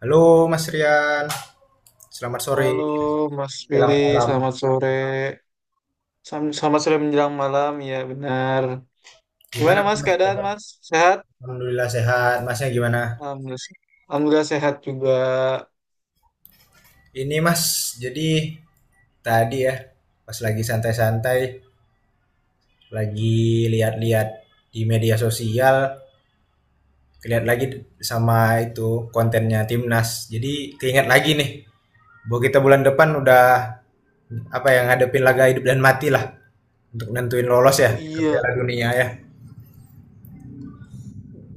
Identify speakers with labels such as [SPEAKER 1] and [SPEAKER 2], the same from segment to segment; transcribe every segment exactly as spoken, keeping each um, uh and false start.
[SPEAKER 1] Halo Mas Rian, selamat sore.
[SPEAKER 2] Halo Mas
[SPEAKER 1] Selamat
[SPEAKER 2] Billy,
[SPEAKER 1] malam.
[SPEAKER 2] selamat sore. Sam- Selamat sore menjelang malam, ya benar. Gimana
[SPEAKER 1] Gimana
[SPEAKER 2] Mas
[SPEAKER 1] Mas?
[SPEAKER 2] keadaan
[SPEAKER 1] Kabar?
[SPEAKER 2] Mas? Sehat?
[SPEAKER 1] Alhamdulillah sehat. Masnya gimana?
[SPEAKER 2] Alhamdulillah, Alhamdulillah sehat juga.
[SPEAKER 1] Ini Mas, jadi tadi ya, pas lagi santai-santai, lagi lihat-lihat di media sosial, lihat lagi sama itu kontennya Timnas. Jadi keinget lagi nih, bahwa kita bulan depan udah apa yang ngadepin laga hidup dan mati lah untuk nentuin lolos ya
[SPEAKER 2] Oh
[SPEAKER 1] ke
[SPEAKER 2] iya,
[SPEAKER 1] Piala Dunia ya.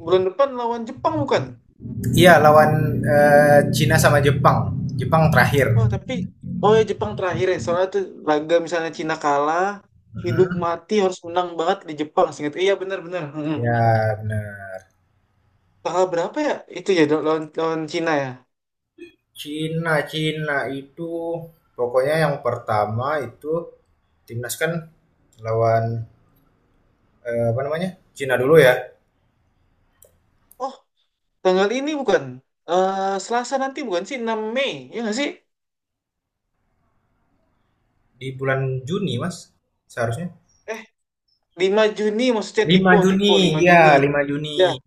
[SPEAKER 2] bulan depan lawan Jepang bukan?
[SPEAKER 1] Iya lawan eh, Cina sama Jepang. Jepang terakhir.
[SPEAKER 2] Oh tapi, oh ya Jepang terakhir ya. Soalnya tuh laga misalnya Cina kalah, hidup
[SPEAKER 1] Mhm.
[SPEAKER 2] mati harus menang banget di Jepang. Seingat, iya benar-benar. Mm-mm.
[SPEAKER 1] Ya, benar.
[SPEAKER 2] Tanggal berapa ya? Itu ya lawan, lawan Cina ya.
[SPEAKER 1] Cina, Cina itu pokoknya yang pertama itu timnas kan lawan eh, apa namanya? Cina dulu ya
[SPEAKER 2] Oh, tanggal ini bukan? Eh Selasa nanti bukan sih? Enam Mei, ya nggak sih?
[SPEAKER 1] di bulan Juni, Mas. Seharusnya
[SPEAKER 2] Eh, lima Juni maksudnya
[SPEAKER 1] lima
[SPEAKER 2] tipe tipe lima
[SPEAKER 1] Juni. Ya,
[SPEAKER 2] Juni.
[SPEAKER 1] lima
[SPEAKER 2] Ya.
[SPEAKER 1] Juni.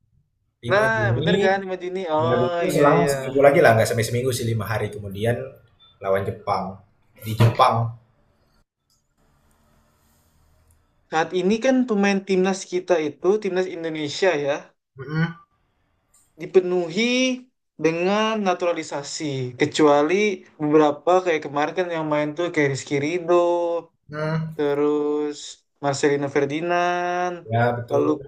[SPEAKER 1] Lima
[SPEAKER 2] Nah, bener
[SPEAKER 1] Juni.
[SPEAKER 2] kan lima Juni?
[SPEAKER 1] Dan
[SPEAKER 2] Oh
[SPEAKER 1] itu
[SPEAKER 2] iya
[SPEAKER 1] selang
[SPEAKER 2] iya.
[SPEAKER 1] seminggu lagi lah, nggak sampai seminggu sih, lima hari kemudian lawan Jepang di Jepang.
[SPEAKER 2] Saat ini kan pemain timnas kita itu timnas Indonesia ya
[SPEAKER 1] Mhm.
[SPEAKER 2] dipenuhi dengan naturalisasi kecuali beberapa kayak kemarin kan yang main tuh kayak Rizky Ridho,
[SPEAKER 1] Mhm.
[SPEAKER 2] terus Marcelino Ferdinand,
[SPEAKER 1] Ya,
[SPEAKER 2] lalu
[SPEAKER 1] betul.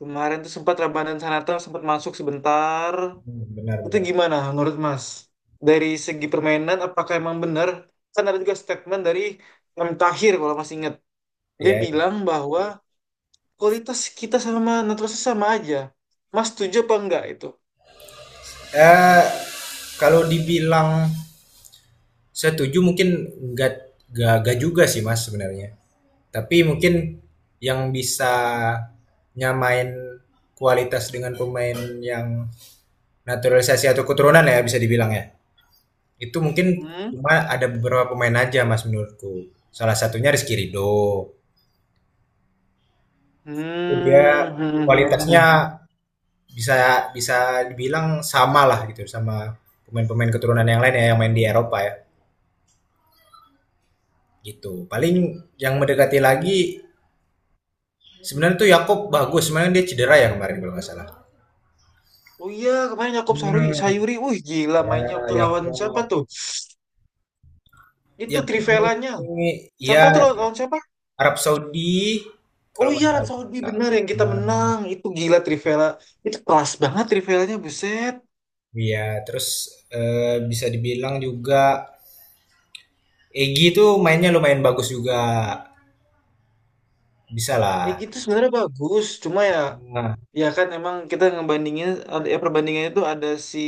[SPEAKER 2] kemarin tuh sempat Ramadhan Sananta sempat masuk sebentar.
[SPEAKER 1] Hmm,
[SPEAKER 2] Itu
[SPEAKER 1] benar-benar.
[SPEAKER 2] gimana menurut Mas? Dari segi permainan, apakah emang benar? Kan ada juga statement dari M. Tahir kalau Mas ingat. Dia
[SPEAKER 1] Ya, ya.
[SPEAKER 2] bilang bahwa kualitas kita sama naturalisasi sama aja. Mas setuju apa enggak itu?
[SPEAKER 1] Eh, kalau dibilang setuju mungkin nggak nggak nggak juga sih Mas sebenarnya. Tapi mungkin yang bisa nyamain kualitas dengan pemain yang naturalisasi atau keturunan ya bisa dibilang ya. Itu mungkin
[SPEAKER 2] Hmm?
[SPEAKER 1] cuma ada beberapa pemain aja Mas menurutku. Salah satunya Rizky Ridho.
[SPEAKER 2] Hmm,
[SPEAKER 1] Itu dia
[SPEAKER 2] hmm, Iya. hmm,
[SPEAKER 1] kualitasnya
[SPEAKER 2] hmm.
[SPEAKER 1] bisa bisa dibilang sama lah gitu sama pemain-pemain keturunan yang lain ya yang main di Eropa ya gitu. Paling yang mendekati lagi sebenarnya tuh Yakob bagus, sebenarnya dia cedera ya kemarin kalau nggak salah.
[SPEAKER 2] Oh iya, kemarin Yakob
[SPEAKER 1] Hmm,
[SPEAKER 2] Sarui- Sayuri, wih gila mainnya
[SPEAKER 1] ya
[SPEAKER 2] waktu lawan siapa
[SPEAKER 1] Yakob.
[SPEAKER 2] tuh? Itu
[SPEAKER 1] Yakob
[SPEAKER 2] Trivelanya.
[SPEAKER 1] ini ya
[SPEAKER 2] Siapa tuh lawan, lawan siapa?
[SPEAKER 1] Arab Saudi
[SPEAKER 2] Oh
[SPEAKER 1] kalau
[SPEAKER 2] iya,
[SPEAKER 1] nggak
[SPEAKER 2] Arab
[SPEAKER 1] salah.
[SPEAKER 2] Saudi benar yang kita
[SPEAKER 1] Hmm,
[SPEAKER 2] menang. Itu gila Trivela. Itu kelas banget Trivelanya, buset.
[SPEAKER 1] iya, terus eh, bisa dibilang juga Egi tuh mainnya lumayan bagus juga. Bisa
[SPEAKER 2] Eh
[SPEAKER 1] lah.
[SPEAKER 2] gitu sebenarnya bagus, cuma ya
[SPEAKER 1] Nah.
[SPEAKER 2] ya kan emang kita ngebandingin ada ya perbandingannya itu ada si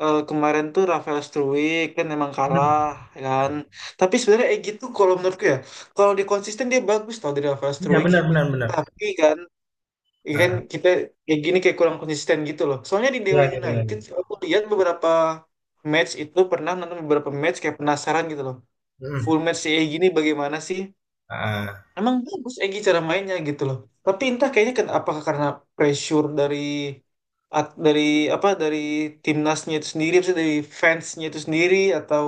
[SPEAKER 2] eh, kemarin tuh Rafael Struwik kan emang
[SPEAKER 1] Hmm.
[SPEAKER 2] kalah ya kan. Tapi sebenarnya eh gitu kalau menurutku ya, kalau dia konsisten dia bagus tau dari Rafael
[SPEAKER 1] Iya,
[SPEAKER 2] Struwik.
[SPEAKER 1] benar benar benar.
[SPEAKER 2] Tapi kan ya kan
[SPEAKER 1] Ah,
[SPEAKER 2] kita kayak gini kayak kurang konsisten gitu loh. Soalnya di
[SPEAKER 1] ya,
[SPEAKER 2] Dewa
[SPEAKER 1] ya, ya. ya.
[SPEAKER 2] United aku lihat beberapa match itu pernah nonton beberapa match kayak penasaran gitu loh.
[SPEAKER 1] Mm-mm.
[SPEAKER 2] Full match si eh gini bagaimana sih?
[SPEAKER 1] Ah.
[SPEAKER 2] Emang bagus Egy cara mainnya gitu loh. Tapi entah kayaknya ken apakah karena pressure dari at- dari apa dari timnasnya itu sendiri, maksudnya dari fansnya itu sendiri atau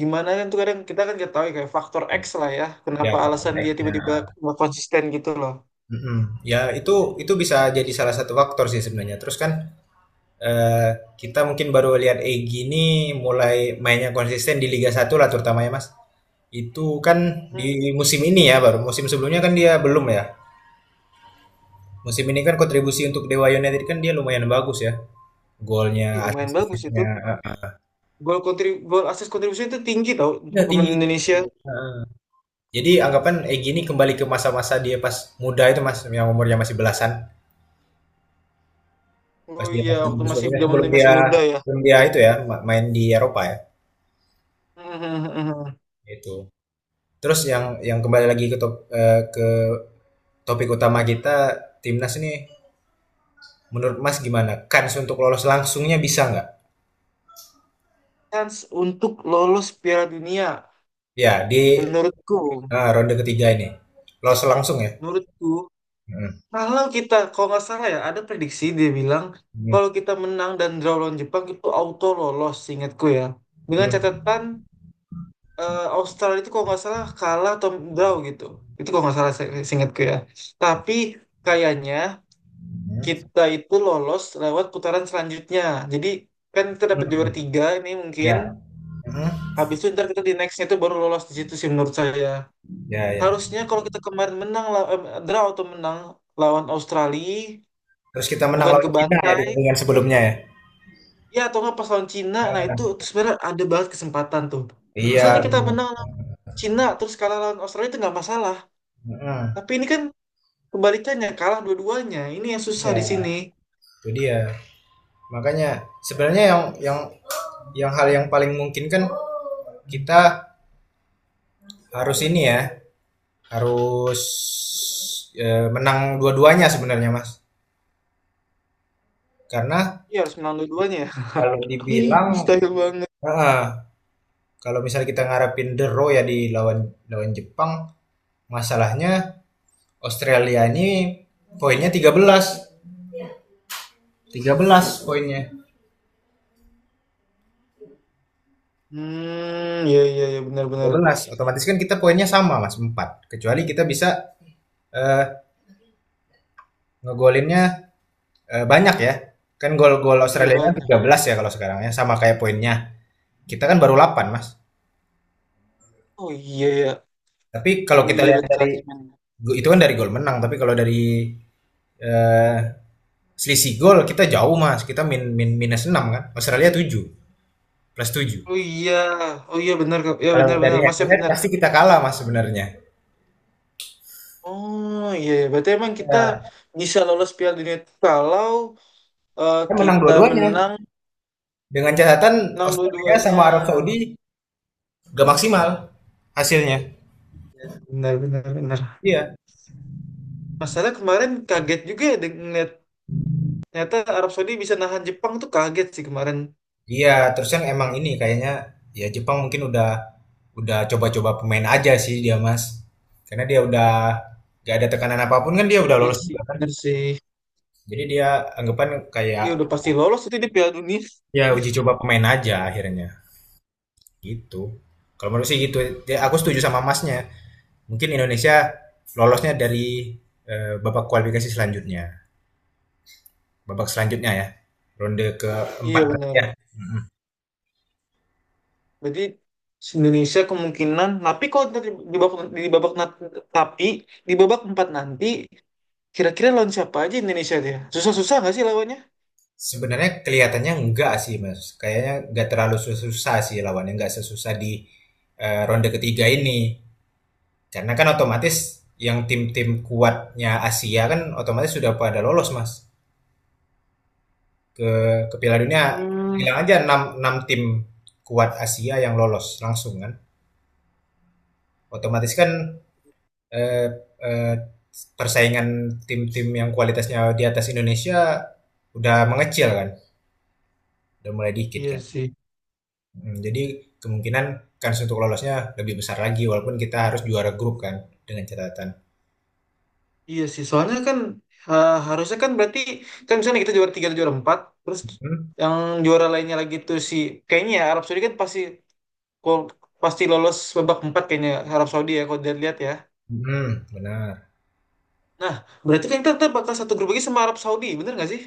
[SPEAKER 2] gimana kan tuh kadang kita kan nggak tahu ya, kayak faktor X lah ya.
[SPEAKER 1] Ya,
[SPEAKER 2] Kenapa
[SPEAKER 1] apa?
[SPEAKER 2] alasan dia
[SPEAKER 1] Baiknya.
[SPEAKER 2] tiba-tiba nggak konsisten gitu loh.
[SPEAKER 1] Mm-mm. Ya itu itu bisa jadi salah satu faktor sih sebenarnya. Terus kan Eee, kita mungkin baru lihat Egy ini mulai mainnya konsisten di Liga Satu lah terutama ya, Mas. Itu kan
[SPEAKER 2] Hmm,
[SPEAKER 1] di musim ini ya baru, musim sebelumnya kan dia belum ya. Musim ini kan kontribusi untuk Dewa United kan dia lumayan bagus ya, golnya,
[SPEAKER 2] iya, lumayan bagus itu.
[SPEAKER 1] assist-assist-nya, heeh.
[SPEAKER 2] Gol kontribu gol asis kontribusi itu tinggi tau untuk
[SPEAKER 1] Iya tinggi
[SPEAKER 2] pemain Indonesia.
[SPEAKER 1] tinggi, heeh. Jadi anggapan Egy ini kembali ke masa-masa dia pas muda itu, Mas, yang umurnya masih belasan, pas
[SPEAKER 2] Oh
[SPEAKER 1] dia
[SPEAKER 2] iya,
[SPEAKER 1] masih
[SPEAKER 2] waktu masih zaman
[SPEAKER 1] sebelum
[SPEAKER 2] dia masih
[SPEAKER 1] dia
[SPEAKER 2] muda ya.
[SPEAKER 1] sebelum dia itu ya ma main di Eropa ya, itu. Terus yang yang kembali lagi ke top eee topik utama kita timnas nih, menurut Mas gimana? Kans untuk lolos langsungnya bisa nggak?
[SPEAKER 2] Chance untuk lolos Piala Dunia
[SPEAKER 1] Ya di
[SPEAKER 2] menurutku.
[SPEAKER 1] eh, ronde ketiga ini lolos langsung ya.
[SPEAKER 2] Menurutku,
[SPEAKER 1] Hmm.
[SPEAKER 2] kalau kita, kalau nggak salah ya, ada prediksi dia bilang,
[SPEAKER 1] Hmm.
[SPEAKER 2] kalau kita menang dan draw lawan Jepang itu auto lolos, ingatku ya. Dengan
[SPEAKER 1] Hmm.
[SPEAKER 2] catatan eh, Australia itu kalau nggak salah kalah atau draw gitu. Itu kalau nggak salah ingatku ya. Tapi kayaknya kita itu lolos lewat putaran selanjutnya. Jadi kan kita
[SPEAKER 1] Hmm.
[SPEAKER 2] dapat
[SPEAKER 1] Hmm.
[SPEAKER 2] juara tiga ini mungkin.
[SPEAKER 1] Ya, hmm,
[SPEAKER 2] Habis itu ntar kita di nextnya itu baru lolos di situ sih menurut saya.
[SPEAKER 1] ya, ya.
[SPEAKER 2] Harusnya kalau kita kemarin menang, law- eh, draw atau menang lawan Australia
[SPEAKER 1] Terus kita menang
[SPEAKER 2] bukan ke
[SPEAKER 1] lawan Cina ya
[SPEAKER 2] bantai
[SPEAKER 1] di pertandingan sebelumnya ya.
[SPEAKER 2] ya atau nggak pas lawan Cina nah itu
[SPEAKER 1] Hmm.
[SPEAKER 2] sebenarnya ada banget kesempatan tuh
[SPEAKER 1] Iya.
[SPEAKER 2] misalnya kita menang lawan Cina terus kalah lawan Australia itu nggak masalah
[SPEAKER 1] Hmm.
[SPEAKER 2] tapi ini kan kebalikannya kalah dua-duanya ini yang susah di
[SPEAKER 1] Iya,
[SPEAKER 2] sini.
[SPEAKER 1] itu dia. Makanya sebenarnya yang yang yang hal yang paling mungkin kan kita harus ini ya, harus eh, menang dua-duanya sebenarnya Mas. Karena
[SPEAKER 2] Iya harus menang dua-duanya ya.
[SPEAKER 1] kalau dibilang,
[SPEAKER 2] Mustahil banget.
[SPEAKER 1] heeh, kalau misalnya kita ngarepin the Raw ya di lawan lawan Jepang, masalahnya Australia ini poinnya tiga belas, tiga belas poinnya.
[SPEAKER 2] Hmm iya iya iya
[SPEAKER 1] Tiga
[SPEAKER 2] benar-benar.
[SPEAKER 1] belas. Otomatis kan kita poinnya sama Mas, empat. Kecuali kita bisa eh, ngegolinnya eh, banyak ya. Kan gol-gol
[SPEAKER 2] Iya
[SPEAKER 1] Australia
[SPEAKER 2] banyak.
[SPEAKER 1] tiga belas ya kalau sekarang ya, sama kayak poinnya. Kita kan baru delapan Mas.
[SPEAKER 2] Oh iya ya.
[SPEAKER 1] Tapi kalau
[SPEAKER 2] Oh
[SPEAKER 1] kita
[SPEAKER 2] iya
[SPEAKER 1] lihat
[SPEAKER 2] lihat
[SPEAKER 1] dari
[SPEAKER 2] klasmen.
[SPEAKER 1] itu kan dari gol menang, tapi kalau dari eh, selisih gol kita jauh mas, kita min, min minus enam kan Australia tujuh plus tujuh.
[SPEAKER 2] Oh iya. Oh iya benar Kak. Ya
[SPEAKER 1] Kalau dari
[SPEAKER 2] benar-benar
[SPEAKER 1] head to
[SPEAKER 2] masih
[SPEAKER 1] head
[SPEAKER 2] benar.
[SPEAKER 1] pasti kita kalah mas sebenarnya,
[SPEAKER 2] Oh iya, iya. Berarti emang kita
[SPEAKER 1] ya,
[SPEAKER 2] bisa lolos Piala Dunia itu kalau Eh,
[SPEAKER 1] kita menang
[SPEAKER 2] kita
[SPEAKER 1] dua-duanya
[SPEAKER 2] menang,
[SPEAKER 1] dengan catatan
[SPEAKER 2] menang
[SPEAKER 1] Australia
[SPEAKER 2] dua-duanya.
[SPEAKER 1] sama Arab Saudi gak maksimal hasilnya.
[SPEAKER 2] Benar, benar, benar.
[SPEAKER 1] Iya.
[SPEAKER 2] Masalah kemarin kaget juga ya deng- ngeliat ternyata Arab Saudi bisa nahan Jepang tuh kaget sih kemarin.
[SPEAKER 1] Iya, terus kan emang ini kayaknya ya Jepang mungkin udah udah coba-coba pemain aja sih dia mas, karena dia udah gak ada tekanan apapun kan dia udah
[SPEAKER 2] Iya
[SPEAKER 1] lolos
[SPEAKER 2] sih,
[SPEAKER 1] juga.
[SPEAKER 2] benar sih.
[SPEAKER 1] Jadi dia anggapan kayak
[SPEAKER 2] Iya udah pasti lolos itu di Piala Dunia.
[SPEAKER 1] ya uji coba pemain aja akhirnya. Gitu. Kalau menurut sih gitu. Ya, aku setuju sama Masnya. Mungkin Indonesia lolosnya dari eh, babak kualifikasi selanjutnya. Babak selanjutnya ya. Ronde keempat
[SPEAKER 2] Iya
[SPEAKER 1] berarti
[SPEAKER 2] benar.
[SPEAKER 1] ya.
[SPEAKER 2] Berarti Indonesia kemungkinan, tapi kalau nanti di babak di babak nat- tapi di babak empat nanti kira-kira lawan siapa aja Indonesia dia? Susah-susah nggak sih lawannya?
[SPEAKER 1] Sebenarnya kelihatannya enggak sih Mas. Kayaknya enggak terlalu susah sih lawannya. Enggak sesusah di eh, ronde ketiga ini. Karena kan otomatis yang tim-tim kuatnya Asia kan otomatis sudah pada lolos Mas. Ke, ke Piala Dunia,
[SPEAKER 2] Hmm,
[SPEAKER 1] bilang aja enam 6 tim kuat Asia yang lolos langsung kan. Otomatis kan eh, eh, persaingan tim-tim yang kualitasnya di atas Indonesia udah mengecil kan, udah mulai dikit
[SPEAKER 2] iya
[SPEAKER 1] kan.
[SPEAKER 2] sih.
[SPEAKER 1] Hmm, jadi kemungkinan kans untuk lolosnya lebih besar lagi walaupun kita harus juara grup kan, dengan catatan.
[SPEAKER 2] Iya sih, soalnya kan eh, harusnya kan berarti kan misalnya kita juara tiga atau juara empat, terus
[SPEAKER 1] Hmm,
[SPEAKER 2] yang juara lainnya lagi tuh si kayaknya ya Arab Saudi kan pasti kol- pasti lolos babak empat kayaknya Arab Saudi ya kalau dilihat ya.
[SPEAKER 1] hmm, benar.
[SPEAKER 2] Nah, berarti kan kita tetap bakal satu grup lagi sama Arab Saudi, bener nggak sih?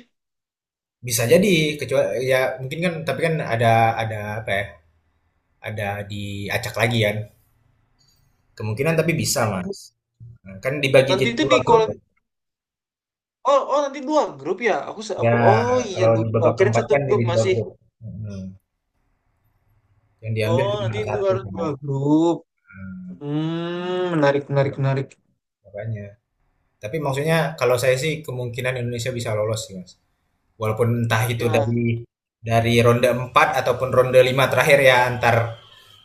[SPEAKER 1] Bisa jadi, kecuali ya mungkin kan, tapi kan ada ada apa ya? Ada diacak lagi kan. Kemungkinan tapi bisa, Mas. Nah, kan dibagi
[SPEAKER 2] Nanti
[SPEAKER 1] jadi
[SPEAKER 2] itu
[SPEAKER 1] dua
[SPEAKER 2] di
[SPEAKER 1] grup
[SPEAKER 2] kol
[SPEAKER 1] kan.
[SPEAKER 2] oh oh nanti dua grup ya. Aku se- aku
[SPEAKER 1] Ya,
[SPEAKER 2] oh iya
[SPEAKER 1] kalau di
[SPEAKER 2] lupa.
[SPEAKER 1] babak
[SPEAKER 2] Kirain
[SPEAKER 1] keempat
[SPEAKER 2] satu
[SPEAKER 1] kan
[SPEAKER 2] grup
[SPEAKER 1] jadi dua
[SPEAKER 2] masih.
[SPEAKER 1] grup. Hmm. Yang diambil
[SPEAKER 2] Oh nanti
[SPEAKER 1] cuma
[SPEAKER 2] itu
[SPEAKER 1] satu
[SPEAKER 2] harus dua
[SPEAKER 1] kan?
[SPEAKER 2] grup.
[SPEAKER 1] Eee,
[SPEAKER 2] Hmm, menarik menarik menarik.
[SPEAKER 1] makanya. Tapi maksudnya kalau saya sih kemungkinan Indonesia bisa lolos sih, Mas. Walaupun entah itu
[SPEAKER 2] Ya,
[SPEAKER 1] dari dari ronde empat ataupun ronde lima terakhir ya antar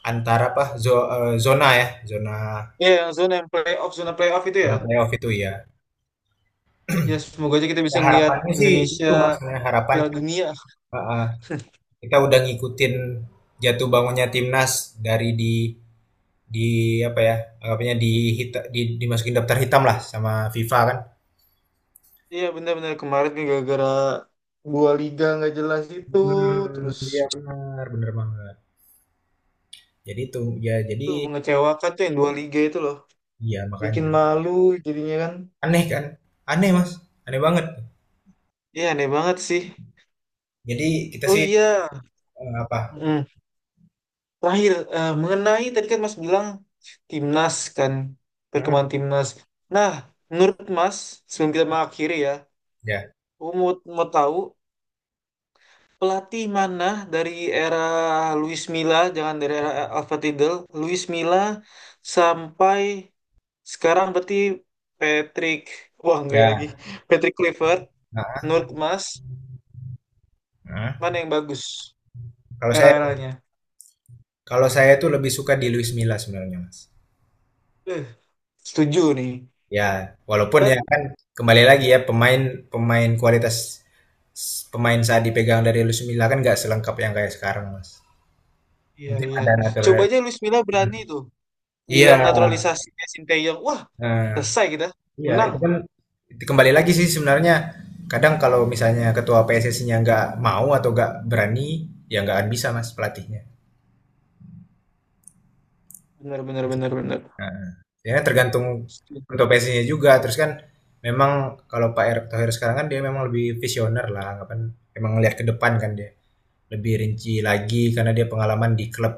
[SPEAKER 1] antar apa, zo eee, zona ya, zona
[SPEAKER 2] ya yang zona yang playoff zona playoff itu ya.
[SPEAKER 1] zona playoff itu ya.
[SPEAKER 2] Ya semoga aja kita
[SPEAKER 1] Ya
[SPEAKER 2] bisa ngelihat
[SPEAKER 1] harapannya sih
[SPEAKER 2] Indonesia
[SPEAKER 1] itu, Mas, nah harapan,
[SPEAKER 2] Piala Dunia.
[SPEAKER 1] heeh, kita udah ngikutin jatuh bangunnya timnas dari di di apa ya, anggapannya di hita di dimasukin daftar hitam lah sama FIFA kan.
[SPEAKER 2] Iya benar-benar kemarin kan gara-gara dua liga nggak jelas itu, terus
[SPEAKER 1] Hmm, iya benar, bener banget. Jadi itu, ya jadi
[SPEAKER 2] tuh mengecewakan tuh yang dua liga itu loh,
[SPEAKER 1] iya
[SPEAKER 2] bikin
[SPEAKER 1] makanya.
[SPEAKER 2] malu jadinya kan.
[SPEAKER 1] Aneh kan? Aneh, Mas, aneh banget.
[SPEAKER 2] Iya aneh banget sih.
[SPEAKER 1] Jadi kita
[SPEAKER 2] Oh
[SPEAKER 1] sih,
[SPEAKER 2] iya,
[SPEAKER 1] eee, apa
[SPEAKER 2] Mm. Terakhir eh, mengenai tadi kan Mas bilang timnas kan perkembangan
[SPEAKER 1] mhm,
[SPEAKER 2] timnas. Nah, menurut Mas sebelum kita mengakhiri ya,
[SPEAKER 1] ya
[SPEAKER 2] aku mau, mau tahu Pelatih mana dari era Luis Milla, jangan dari era Alfa Tidal, Luis Milla sampai sekarang berarti Patrick, wah enggak ya lagi,
[SPEAKER 1] ya,
[SPEAKER 2] Patrick Clifford,
[SPEAKER 1] heeh
[SPEAKER 2] Nur Mas,
[SPEAKER 1] heeh.
[SPEAKER 2] mana yang bagus
[SPEAKER 1] Kalau saya
[SPEAKER 2] era-eranya?
[SPEAKER 1] Kalau saya tuh lebih suka di Luis Milla sebenarnya, Mas.
[SPEAKER 2] Eh, setuju nih.
[SPEAKER 1] Ya, walaupun ya
[SPEAKER 2] Padahal,
[SPEAKER 1] kan kembali lagi ya pemain pemain kualitas s pemain saat dipegang dari Luis Milla kan nggak selengkap yang kayak sekarang, Mas.
[SPEAKER 2] iya
[SPEAKER 1] Mungkin
[SPEAKER 2] iya.
[SPEAKER 1] ada
[SPEAKER 2] Coba aja
[SPEAKER 1] naturalisasi.
[SPEAKER 2] Luis Milla berani tuh,
[SPEAKER 1] Iya,
[SPEAKER 2] bilang naturalisasi Sinteyong, wah
[SPEAKER 1] heeh.
[SPEAKER 2] selesai kita,
[SPEAKER 1] Iya,
[SPEAKER 2] menang.
[SPEAKER 1] itu kan kembali lagi sih sebenarnya kadang kalau misalnya ketua P S S I-nya nggak mau atau nggak berani, ya nggak akan bisa mas pelatihnya.
[SPEAKER 2] Bener bener bener bener.
[SPEAKER 1] Nah, ya kan tergantung
[SPEAKER 2] Setuju.
[SPEAKER 1] ketua P S S I-nya juga. Terus kan memang kalau Pak Erick Thohir sekarang kan dia memang lebih visioner lah, anggapan emang ngelihat ke depan kan dia lebih rinci lagi karena dia pengalaman di klub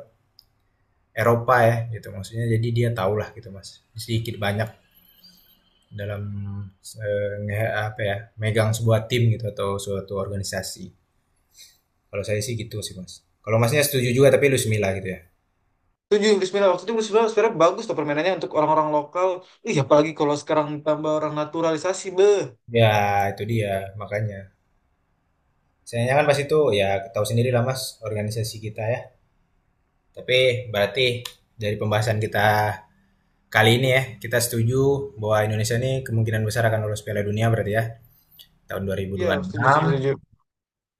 [SPEAKER 1] Eropa ya gitu maksudnya. Jadi dia tahulah gitu mas, sedikit banyak dalam eh, nge- apa ya, megang sebuah tim gitu atau suatu organisasi. Kalau saya sih gitu sih mas. Kalau masnya setuju juga tapi lu semila gitu ya?
[SPEAKER 2] Setuju Bismillah waktu itu Luis Milla sebenarnya bagus tuh permainannya untuk orang-orang lokal. Ih, apalagi kalau sekarang tambah orang naturalisasi, beh.
[SPEAKER 1] Ya itu dia makanya. Sayangnya kan pas itu ya tahu sendiri lah mas organisasi kita ya. Tapi berarti dari pembahasan kita kali ini ya kita setuju bahwa Indonesia ini kemungkinan besar akan lolos Piala Dunia berarti ya tahun dua ribu
[SPEAKER 2] Iya,
[SPEAKER 1] dua ribu
[SPEAKER 2] setuju,
[SPEAKER 1] enam.
[SPEAKER 2] setuju, setuju.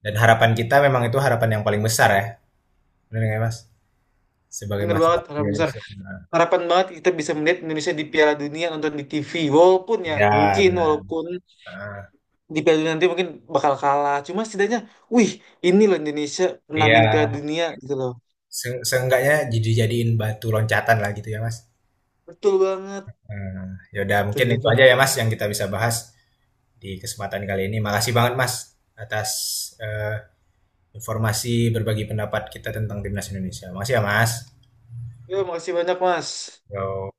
[SPEAKER 1] Dan harapan kita memang itu harapan yang paling besar ya, benar nggak ya, mas, sebagai
[SPEAKER 2] Bener banget,
[SPEAKER 1] masyarakat
[SPEAKER 2] harapan besar.
[SPEAKER 1] Indonesia.
[SPEAKER 2] Harapan banget kita bisa melihat Indonesia di Piala Dunia nonton di T V. Walaupun ya,
[SPEAKER 1] Ya
[SPEAKER 2] mungkin
[SPEAKER 1] benar.
[SPEAKER 2] walaupun
[SPEAKER 1] Ah,
[SPEAKER 2] di Piala Dunia nanti mungkin bakal kalah. Cuma setidaknya, wih, ini loh Indonesia pernah main Piala
[SPEAKER 1] iya.
[SPEAKER 2] Dunia gitu loh.
[SPEAKER 1] Se- seenggaknya jadi jadiin batu loncatan lah gitu ya mas.
[SPEAKER 2] Betul banget.
[SPEAKER 1] Eee, ya udah
[SPEAKER 2] Gitu,
[SPEAKER 1] mungkin itu
[SPEAKER 2] gitu.
[SPEAKER 1] aja ya, Mas, yang kita bisa bahas di kesempatan kali ini. Makasih banget, Mas, atas, eee, informasi berbagi pendapat kita tentang timnas Indonesia. Makasih ya, Mas.
[SPEAKER 2] Yo, makasih banyak, Mas.
[SPEAKER 1] Yo.